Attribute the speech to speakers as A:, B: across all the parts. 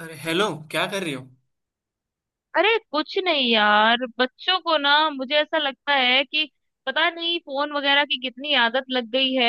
A: अरे हेलो। क्या कर रही हो?
B: अरे कुछ नहीं यार। बच्चों को ना, मुझे ऐसा लगता है कि पता नहीं फोन वगैरह की कितनी आदत लग गई है।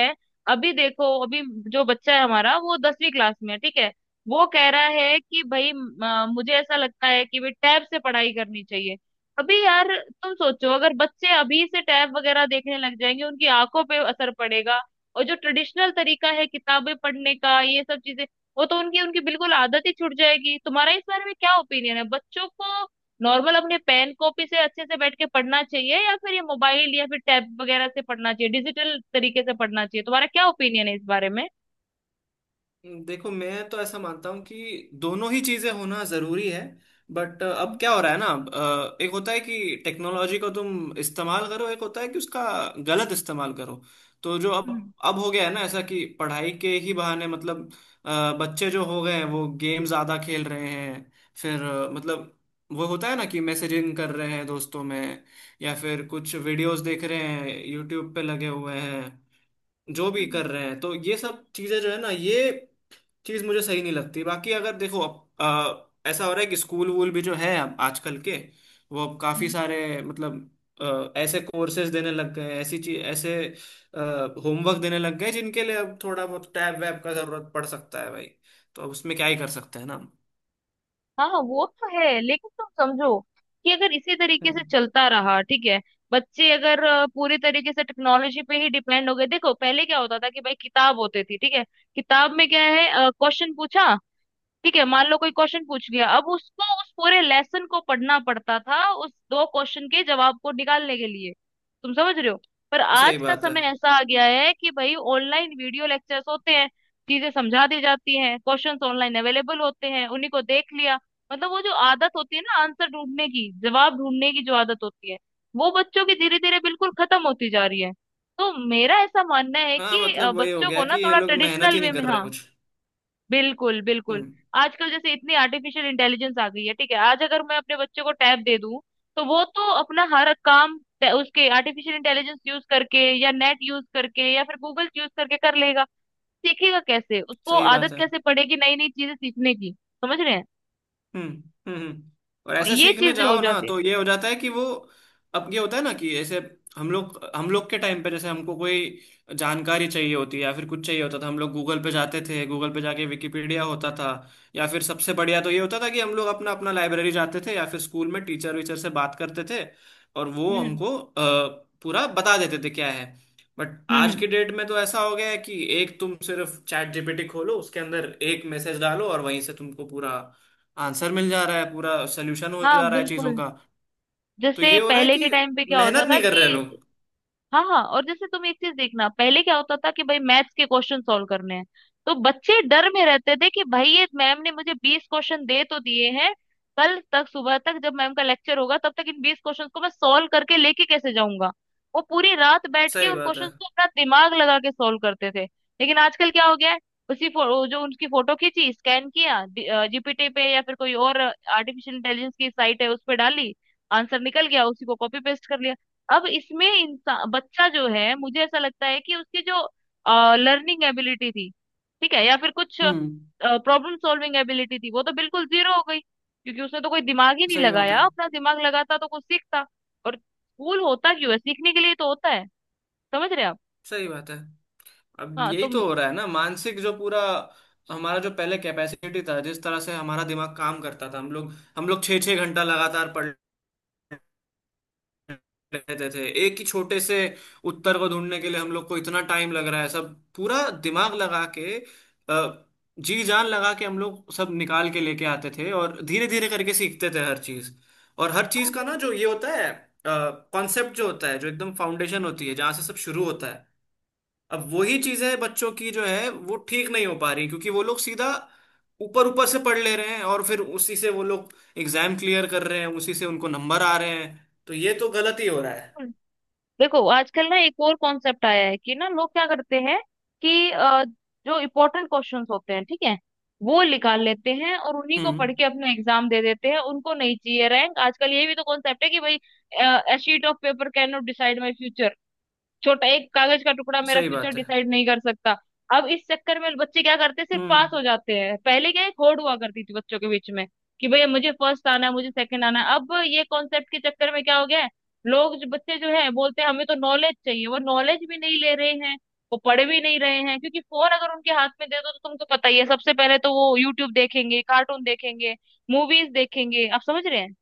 B: अभी देखो अभी जो बच्चा है हमारा, वो 10वीं क्लास में है, ठीक है। वो कह रहा है कि भाई, मुझे ऐसा लगता है कि भाई टैब से पढ़ाई करनी चाहिए। अभी यार, तुम सोचो, अगर बच्चे अभी से टैब वगैरह देखने लग जाएंगे उनकी आंखों पे असर पड़ेगा। और जो ट्रेडिशनल तरीका है किताबें पढ़ने का, ये सब चीजें, वो तो उनकी उनकी बिल्कुल आदत ही छूट जाएगी। तुम्हारा इस बारे में क्या ओपिनियन है? बच्चों को नॉर्मल अपने पेन कॉपी से अच्छे से बैठ के पढ़ना चाहिए या फिर ये मोबाइल या फिर टैब वगैरह से पढ़ना चाहिए, डिजिटल तरीके से पढ़ना चाहिए? तुम्हारा क्या ओपिनियन है इस बारे में?
A: देखो, मैं तो ऐसा मानता हूँ कि दोनों ही चीजें होना जरूरी है। बट अब क्या हो रहा है ना एक होता है कि टेक्नोलॉजी को तुम इस्तेमाल करो, एक होता है कि उसका गलत इस्तेमाल करो। तो जो अब
B: हम्म,
A: अब हो गया है ना ऐसा कि पढ़ाई के ही बहाने मतलब बच्चे जो हो गए हैं वो गेम ज्यादा खेल रहे हैं। फिर मतलब वो होता है ना कि मैसेजिंग कर रहे हैं दोस्तों में, या फिर कुछ वीडियोस देख रहे हैं, यूट्यूब पे लगे हुए हैं। जो भी कर
B: हम्म,
A: रहे हैं, तो ये सब चीजें जो है ना, ये चीज मुझे सही नहीं लगती। बाकी अगर देखो अब ऐसा हो रहा है कि स्कूल वूल भी जो है अब आजकल के, वो अब काफी
B: हम्म।
A: सारे मतलब ऐसे कोर्सेज देने लग गए हैं, ऐसी चीज, ऐसे होमवर्क देने लग गए जिनके लिए अब थोड़ा बहुत टैब वैब का जरूरत पड़ सकता है भाई। तो अब उसमें क्या ही कर सकते हैं ना हम।
B: हाँ, वो तो है, लेकिन तुम समझो कि अगर इसी तरीके से
A: हम्म।
B: चलता रहा, ठीक है, बच्चे अगर पूरी तरीके से टेक्नोलॉजी पे ही डिपेंड हो गए। देखो पहले क्या होता था कि भाई किताब होती थी, ठीक है, किताब में क्या है, क्वेश्चन पूछा, ठीक है, मान लो कोई क्वेश्चन पूछ गया, अब उसको उस पूरे लेसन को पढ़ना पड़ता था उस दो क्वेश्चन के जवाब को निकालने के लिए। तुम समझ रहे हो? पर
A: सही
B: आज का
A: बात है।
B: समय ऐसा आ गया है कि भाई ऑनलाइन वीडियो लेक्चर्स होते हैं, चीजें समझा दी जाती हैं, क्वेश्चंस ऑनलाइन अवेलेबल होते हैं, उन्हीं को देख लिया। मतलब वो जो आदत होती है ना, आंसर ढूंढने की, जवाब ढूंढने की जो आदत होती है, वो बच्चों की धीरे धीरे बिल्कुल खत्म होती जा रही है। तो मेरा ऐसा मानना है
A: हाँ,
B: कि
A: मतलब वही हो
B: बच्चों
A: गया
B: को ना
A: कि ये
B: थोड़ा
A: लोग मेहनत ही
B: ट्रेडिशनल
A: नहीं
B: वे में।
A: कर रहे
B: हाँ,
A: कुछ।
B: बिल्कुल बिल्कुल।
A: हम्म।
B: आजकल जैसे इतनी आर्टिफिशियल इंटेलिजेंस आ गई है, ठीक है, आज अगर मैं अपने बच्चे को टैब दे दूं तो वो तो अपना हर काम उसके आर्टिफिशियल इंटेलिजेंस यूज करके या नेट यूज करके या फिर गूगल यूज करके कर लेगा। सीखेगा कैसे? उसको
A: सही बात
B: आदत
A: है।
B: कैसे पड़ेगी नई नई चीजें सीखने की? समझ रहे हैं?
A: हम्म हम्म हम्म। और
B: तो
A: ऐसे
B: ये
A: सीखने
B: चीजें हो
A: जाओ ना
B: जाती है।
A: तो ये हो जाता है कि वो अब ये होता है ना कि ऐसे हम लोग के टाइम पे जैसे हमको कोई जानकारी चाहिए होती है या फिर कुछ चाहिए होता था, हम लोग गूगल पे जाते थे, गूगल पे जाके विकिपीडिया होता था, या फिर सबसे बढ़िया तो ये होता था कि हम लोग अपना अपना लाइब्रेरी जाते थे या फिर स्कूल में टीचर वीचर से बात करते थे, और वो
B: हम्म,
A: हमको पूरा बता देते थे क्या है। बट
B: हम्म,
A: आज की डेट में तो ऐसा हो गया है कि एक तुम सिर्फ चैट जीपीटी खोलो, उसके अंदर एक मैसेज डालो और वहीं से तुमको पूरा आंसर मिल जा रहा है, पूरा सोल्यूशन हो
B: हाँ
A: जा रहा है चीजों
B: बिल्कुल।
A: का। तो
B: जैसे
A: ये हो रहा है
B: पहले
A: कि
B: के टाइम पे क्या होता
A: मेहनत
B: था
A: नहीं कर रहे
B: कि
A: लोग।
B: हाँ हाँ, और जैसे तुम एक चीज देखना, पहले क्या होता था कि भाई मैथ्स के क्वेश्चन सॉल्व करने हैं तो बच्चे डर में रहते थे कि भाई ये मैम ने मुझे 20 क्वेश्चन दे तो दिए हैं। कल तक सुबह तक जब मैम का लेक्चर होगा तब तक इन 20 क्वेश्चन को मैं सॉल्व करके लेके कैसे जाऊंगा? वो पूरी रात बैठ के
A: सही
B: उन
A: बात है।
B: क्वेश्चन को अपना दिमाग लगा के सॉल्व करते थे। लेकिन आजकल क्या हो गया है, उसी वो जो उनकी फोटो खींची, स्कैन किया, जीपीटी पे या फिर कोई और आर्टिफिशियल इंटेलिजेंस की साइट है उस पर डाली, आंसर निकल गया, उसी को कॉपी पेस्ट कर लिया। अब इसमें इंसान बच्चा जो है, मुझे ऐसा लगता है कि उसकी जो लर्निंग एबिलिटी थी, ठीक है, या फिर कुछ
A: हम्म।
B: प्रॉब्लम सॉल्विंग एबिलिटी थी, वो तो बिल्कुल जीरो हो गई, क्योंकि उसने तो कोई दिमाग ही नहीं
A: सही बात है।
B: लगाया, अपना दिमाग लगाता तो कुछ सीखता। और स्कूल होता क्यों है? सीखने के लिए तो होता है। समझ रहे हैं आप?
A: सही बात है। अब
B: हाँ,
A: यही तो हो रहा है ना मानसिक जो पूरा हमारा जो पहले कैपेसिटी था, जिस तरह से हमारा दिमाग काम करता था, हम लोग छः छः घंटा लगातार पढ़ रहते थे एक ही छोटे से उत्तर को ढूंढने के लिए। हम लोग को इतना टाइम लग रहा है सब पूरा दिमाग लगा के, अ, जी जान लगा के हम लोग सब निकाल के लेके आते थे और धीरे धीरे करके सीखते थे हर चीज। और हर चीज का ना जो ये होता है कॉन्सेप्ट जो होता है, जो एकदम फाउंडेशन होती है जहाँ से सब शुरू होता है, अब वही चीजें बच्चों की जो है वो ठीक नहीं हो पा रही, क्योंकि वो लोग सीधा ऊपर ऊपर से पढ़ ले रहे हैं और फिर उसी से वो लोग एग्जाम क्लियर कर रहे हैं, उसी से उनको नंबर आ रहे हैं। तो ये तो गलत ही हो रहा है।
B: तो देखो आजकल ना एक और कॉन्सेप्ट आया है कि ना लोग क्या करते हैं कि जो इम्पोर्टेंट क्वेश्चंस होते हैं, ठीक है, वो निकाल लेते हैं और उन्हीं को
A: हम्म।
B: पढ़ के अपना एग्जाम दे देते हैं। उनको नहीं चाहिए रैंक। आजकल ये भी तो कॉन्सेप्ट है कि भाई, a sheet of paper can not decide my future. छोटा एक कागज का टुकड़ा मेरा
A: सही
B: फ्यूचर
A: बात है।
B: डिसाइड नहीं कर सकता। अब इस चक्कर में बच्चे क्या करते हैं? सिर्फ
A: हम्म।
B: पास हो जाते हैं। पहले क्या एक होड़ हुआ करती थी बच्चों के बीच में कि भैया मुझे फर्स्ट आना है, मुझे सेकंड आना है। अब ये कॉन्सेप्ट के चक्कर में क्या हो गया है, लोग, जो बच्चे जो है, बोलते हैं हमें तो नॉलेज चाहिए, वो नॉलेज भी नहीं ले रहे हैं, वो पढ़ भी नहीं रहे हैं। क्योंकि फोन अगर उनके हाथ में दे दो तो तुमको पता ही है, सबसे पहले तो वो यूट्यूब देखेंगे, कार्टून देखेंगे, मूवीज देखेंगे। आप समझ रहे हैं?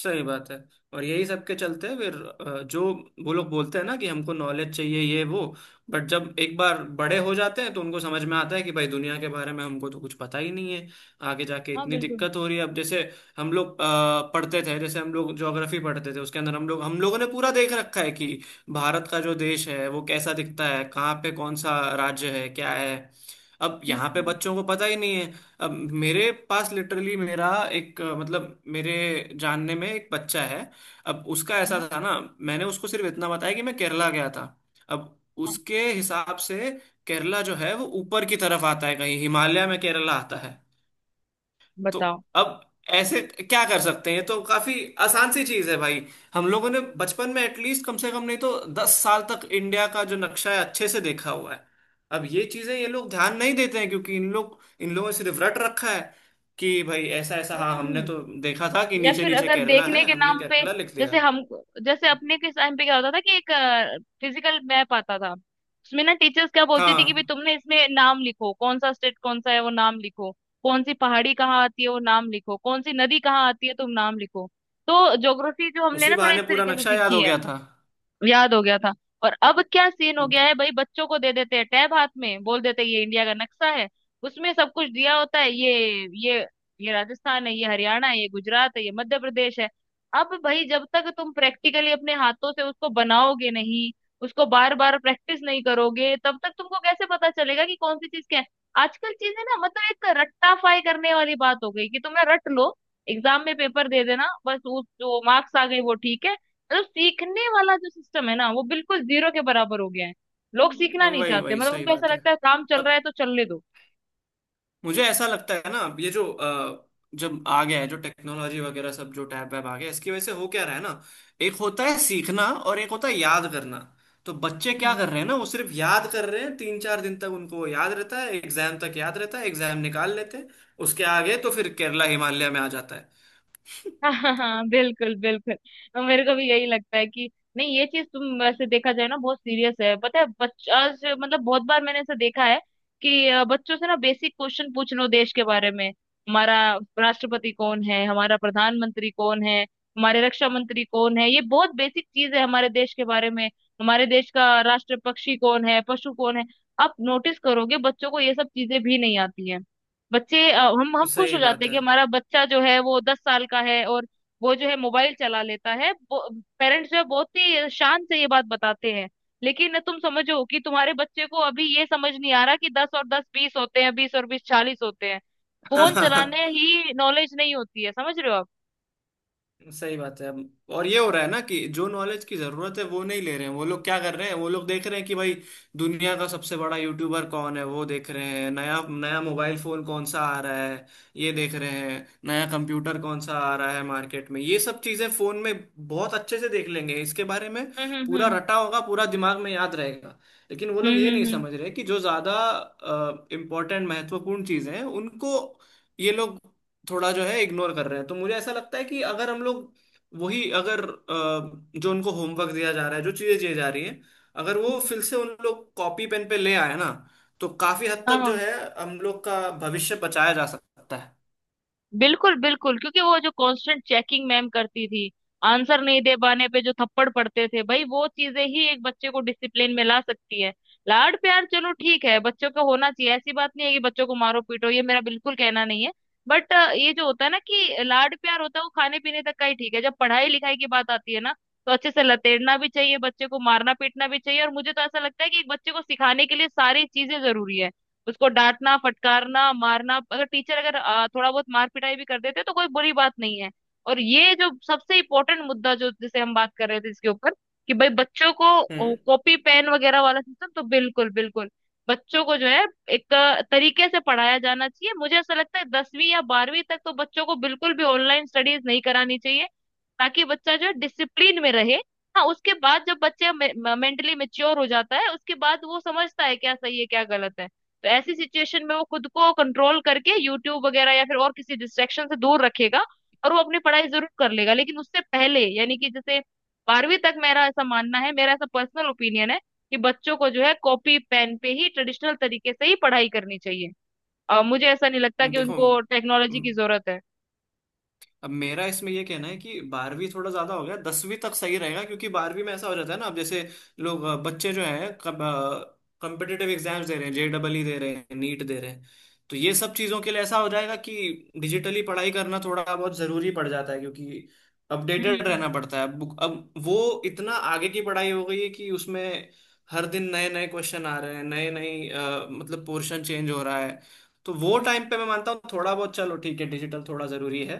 A: सही बात है। और यही सब के चलते फिर जो वो लोग बोलते हैं ना कि हमको नॉलेज चाहिए ये वो, बट जब एक बार बड़े हो जाते हैं तो उनको समझ में आता है कि भाई दुनिया के बारे में हमको तो कुछ पता ही नहीं है। आगे जाके
B: हाँ
A: इतनी
B: बिल्कुल।
A: दिक्कत हो रही है। अब जैसे हम लोग पढ़ते थे, जैसे हम लोग ज्योग्राफी पढ़ते थे, उसके अंदर हम लोगों ने पूरा देख रखा है कि भारत का जो देश है वो कैसा दिखता है, कहाँ पे कौन सा राज्य है, क्या है। अब यहाँ पे
B: हम्म।
A: बच्चों को पता ही नहीं है। अब मेरे पास लिटरली मेरा एक मतलब मेरे जानने में एक बच्चा है। अब उसका
B: है
A: ऐसा
B: ना?
A: था ना, मैंने उसको सिर्फ इतना बताया कि मैं केरला गया था। अब
B: हाँ,
A: उसके हिसाब से केरला जो है वो ऊपर की तरफ आता है, कहीं हिमालय में केरला आता है। तो
B: बताओ।
A: अब ऐसे क्या कर सकते हैं? तो काफी आसान सी चीज है भाई, हम लोगों ने बचपन में एटलीस्ट कम से कम नहीं तो 10 साल तक इंडिया का जो नक्शा है अच्छे से देखा हुआ है। अब ये चीजें ये लोग ध्यान नहीं देते हैं, क्योंकि इन लोगों ने सिर्फ रट रखा है कि भाई ऐसा ऐसा, हाँ
B: हम्म,
A: हमने तो देखा था कि
B: या
A: नीचे
B: फिर
A: नीचे
B: अगर
A: केरला
B: देखने
A: है,
B: के
A: हमने
B: नाम पे,
A: केरला लिख
B: जैसे
A: दिया।
B: हम, जैसे अपने के टाइम पे क्या होता था कि एक फिजिकल मैप आता था, उसमें ना टीचर्स क्या बोलती थी कि भाई
A: हाँ,
B: तुमने इसमें नाम लिखो, कौन सा स्टेट कौन सा है वो नाम लिखो, कौन सी पहाड़ी कहाँ आती है वो नाम लिखो, कौन सी नदी कहाँ आती है तुम नाम लिखो। तो ज्योग्राफी जो हमने
A: उसी
B: ना थोड़ा इस
A: बहाने पूरा
B: तरीके से
A: नक्शा याद
B: सीखी
A: हो
B: है,
A: गया था।
B: याद हो गया था। और अब क्या सीन हो गया है भाई? बच्चों को दे देते हैं टैब हाथ में, बोल देते हैं ये इंडिया का नक्शा है, उसमें सब कुछ दिया होता है, ये ये राजस्थान है, ये हरियाणा है, ये गुजरात है, ये मध्य प्रदेश है। अब भाई जब तक तुम प्रैक्टिकली अपने हाथों से उसको बनाओगे नहीं, उसको बार बार प्रैक्टिस नहीं करोगे, तब तक तुमको कैसे पता चलेगा कि कौन सी चीज क्या है? आजकल चीजें ना, मतलब एक रट्टाफाई करने वाली बात हो गई कि तुमने रट लो, एग्जाम में पेपर दे देना बस, उस जो मार्क्स आ गए वो ठीक है। मतलब सीखने वाला जो सिस्टम है ना, वो बिल्कुल जीरो के बराबर हो गया है। लोग सीखना नहीं
A: वही
B: चाहते,
A: वही
B: मतलब
A: सही
B: उनको ऐसा
A: बात है।
B: लगता है काम चल रहा
A: अब
B: है तो चलने दो।
A: मुझे ऐसा लगता है ना, ये जो जब आ गया है जो टेक्नोलॉजी वगैरह सब, जो टैब वैब आ गया, इसकी वजह से हो क्या रहा है ना, एक होता है सीखना और एक होता है याद करना। तो बच्चे क्या कर रहे हैं ना, वो सिर्फ याद कर रहे हैं। 3-4 दिन तक उनको वो याद रहता है, एग्जाम तक याद रहता है, एग्जाम निकाल लेते हैं। उसके आगे तो फिर केरला हिमालय में आ जाता है।
B: हाँ हाँ हाँ बिल्कुल बिल्कुल। और मेरे को भी यही लगता है कि नहीं, ये चीज, तुम वैसे देखा जाए ना, बहुत सीरियस है, पता है। मतलब बहुत बार मैंने ऐसा देखा है कि बच्चों से ना बेसिक क्वेश्चन पूछ लो देश के बारे में। हमारा राष्ट्रपति कौन है? हमारा प्रधानमंत्री कौन है? हमारे रक्षा मंत्री कौन है? ये बहुत बेसिक चीज है हमारे देश के बारे में। हमारे देश का राष्ट्र पक्षी कौन है? पशु कौन है? आप नोटिस करोगे बच्चों को ये सब चीजें भी नहीं आती है। बच्चे हम खुश
A: सही
B: हो जाते
A: बात
B: हैं
A: है।
B: कि हमारा बच्चा जो है वो 10 साल का है, और वो जो है मोबाइल चला लेता है। पेरेंट्स जो है बहुत ही शान से ये बात बताते हैं। लेकिन तुम समझो कि तुम्हारे बच्चे को अभी ये समझ नहीं आ रहा कि 10 और 10, 20 होते हैं, 20 और 20, 40 होते हैं, फोन चलाने ही नॉलेज नहीं होती है। समझ रहे हो आप?
A: सही बात है। अब और ये हो रहा है ना कि जो नॉलेज की जरूरत है वो नहीं ले रहे हैं। वो लोग क्या कर रहे हैं, वो लोग देख रहे हैं कि भाई दुनिया का सबसे बड़ा यूट्यूबर कौन है, वो देख रहे हैं नया नया मोबाइल फोन कौन सा आ रहा है, ये देख रहे हैं नया कंप्यूटर कौन सा आ रहा है मार्केट में। ये सब चीजें फोन में बहुत अच्छे से देख लेंगे, इसके बारे में
B: हम्म,
A: पूरा
B: हम्म,
A: रटा होगा, पूरा दिमाग में याद रहेगा। लेकिन वो लोग
B: हम्म।
A: ये नहीं
B: हम्म, हम्म,
A: समझ रहे कि जो ज्यादा इम्पोर्टेंट महत्वपूर्ण चीजें हैं उनको ये लोग थोड़ा जो है इग्नोर कर रहे हैं। तो मुझे ऐसा लगता है कि अगर हम लोग वही अगर जो उनको होमवर्क दिया जा रहा है, जो चीजें दी जा रही हैं, अगर वो
B: हम्म।
A: फिर से उन लोग कॉपी पेन पे ले आए ना, तो काफी हद तक जो
B: हाँ
A: है हम लोग का भविष्य बचाया जा सकता है।
B: बिल्कुल बिल्कुल, क्योंकि वो जो कांस्टेंट चेकिंग मैम करती थी, आंसर नहीं दे पाने पे जो थप्पड़ पड़ते थे भाई, वो चीजें ही एक बच्चे को डिसिप्लिन में ला सकती है। लाड प्यार, चलो ठीक है, बच्चों का होना चाहिए, ऐसी बात नहीं है कि बच्चों को मारो पीटो, ये मेरा बिल्कुल कहना नहीं है। बट ये जो होता है ना कि लाड प्यार होता है, वो खाने पीने तक का ही ठीक है। जब पढ़ाई लिखाई की बात आती है ना, तो अच्छे से लतेड़ना भी चाहिए, बच्चे को मारना पीटना भी चाहिए, और मुझे तो ऐसा लगता है कि एक बच्चे को सिखाने के लिए सारी चीजें जरूरी है, उसको डांटना, फटकारना, मारना। अगर टीचर अगर थोड़ा बहुत मार पिटाई भी कर देते तो कोई बुरी बात नहीं है। और ये जो सबसे इम्पोर्टेंट मुद्दा जो जिसे हम बात कर रहे थे इसके ऊपर, कि भाई बच्चों
A: हम्म।
B: को कॉपी पेन वगैरह वाला सिस्टम तो बिल्कुल बिल्कुल, बच्चों को जो है एक तरीके से पढ़ाया जाना चाहिए। मुझे ऐसा लगता है 10वीं या 12वीं तक तो बच्चों को बिल्कुल भी ऑनलाइन स्टडीज नहीं करानी चाहिए, ताकि बच्चा जो है डिसिप्लिन में रहे। हाँ, उसके बाद जब बच्चे मेंटली मेच्योर हो जाता है उसके बाद वो समझता है क्या सही है क्या गलत है। तो ऐसी सिचुएशन में वो खुद को कंट्रोल करके यूट्यूब वगैरह या फिर और किसी डिस्ट्रैक्शन से दूर रखेगा, और वो अपनी पढ़ाई जरूर कर लेगा। लेकिन उससे पहले यानी कि जैसे 12वीं तक, मेरा ऐसा मानना है, मेरा ऐसा पर्सनल ओपिनियन है कि बच्चों को जो है कॉपी पेन पे ही ट्रेडिशनल तरीके से ही पढ़ाई करनी चाहिए। मुझे ऐसा नहीं लगता कि
A: देखो,
B: उनको टेक्नोलॉजी की जरूरत है।
A: अब मेरा इसमें ये कहना है कि 12वीं थोड़ा ज्यादा हो गया, 10वीं तक सही रहेगा, क्योंकि 12वीं में ऐसा हो जाता है ना, अब जैसे लोग बच्चे जो हैं कम्पिटिटिव एग्जाम्स दे रहे हैं, जेडबलई दे रहे हैं, नीट दे रहे हैं। तो ये सब चीजों के लिए ऐसा हो जाएगा कि डिजिटली पढ़ाई करना थोड़ा बहुत जरूरी पड़ जाता है, क्योंकि
B: हम्म,
A: अपडेटेड
B: हम्म, हम्म।
A: रहना पड़ता है। बुक अब वो इतना आगे की पढ़ाई हो गई है कि उसमें हर दिन नए नए क्वेश्चन आ रहे हैं, नए नए मतलब पोर्शन चेंज हो रहा है। तो वो टाइम पे मैं मानता हूँ थोड़ा बहुत चलो ठीक है डिजिटल थोड़ा जरूरी है।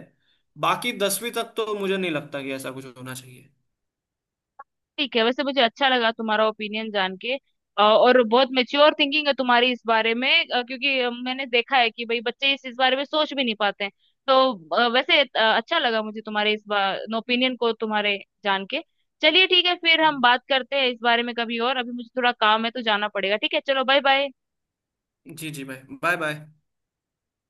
A: बाकी 10वीं तक तो मुझे नहीं लगता कि ऐसा कुछ होना चाहिए।
B: ठीक है, वैसे मुझे अच्छा लगा तुम्हारा ओपिनियन जान के, और बहुत मेच्योर थिंकिंग है तुम्हारी इस बारे में, क्योंकि मैंने देखा है कि भाई बच्चे इस बारे में सोच भी नहीं पाते हैं। तो वैसे अच्छा लगा मुझे तुम्हारे इस बार ओपिनियन को तुम्हारे जान के। चलिए ठीक है फिर हम बात करते हैं इस बारे में कभी और। अभी मुझे थोड़ा काम है तो जाना पड़ेगा। ठीक है, चलो बाय बाय।
A: जी जी भाई बाय बाय।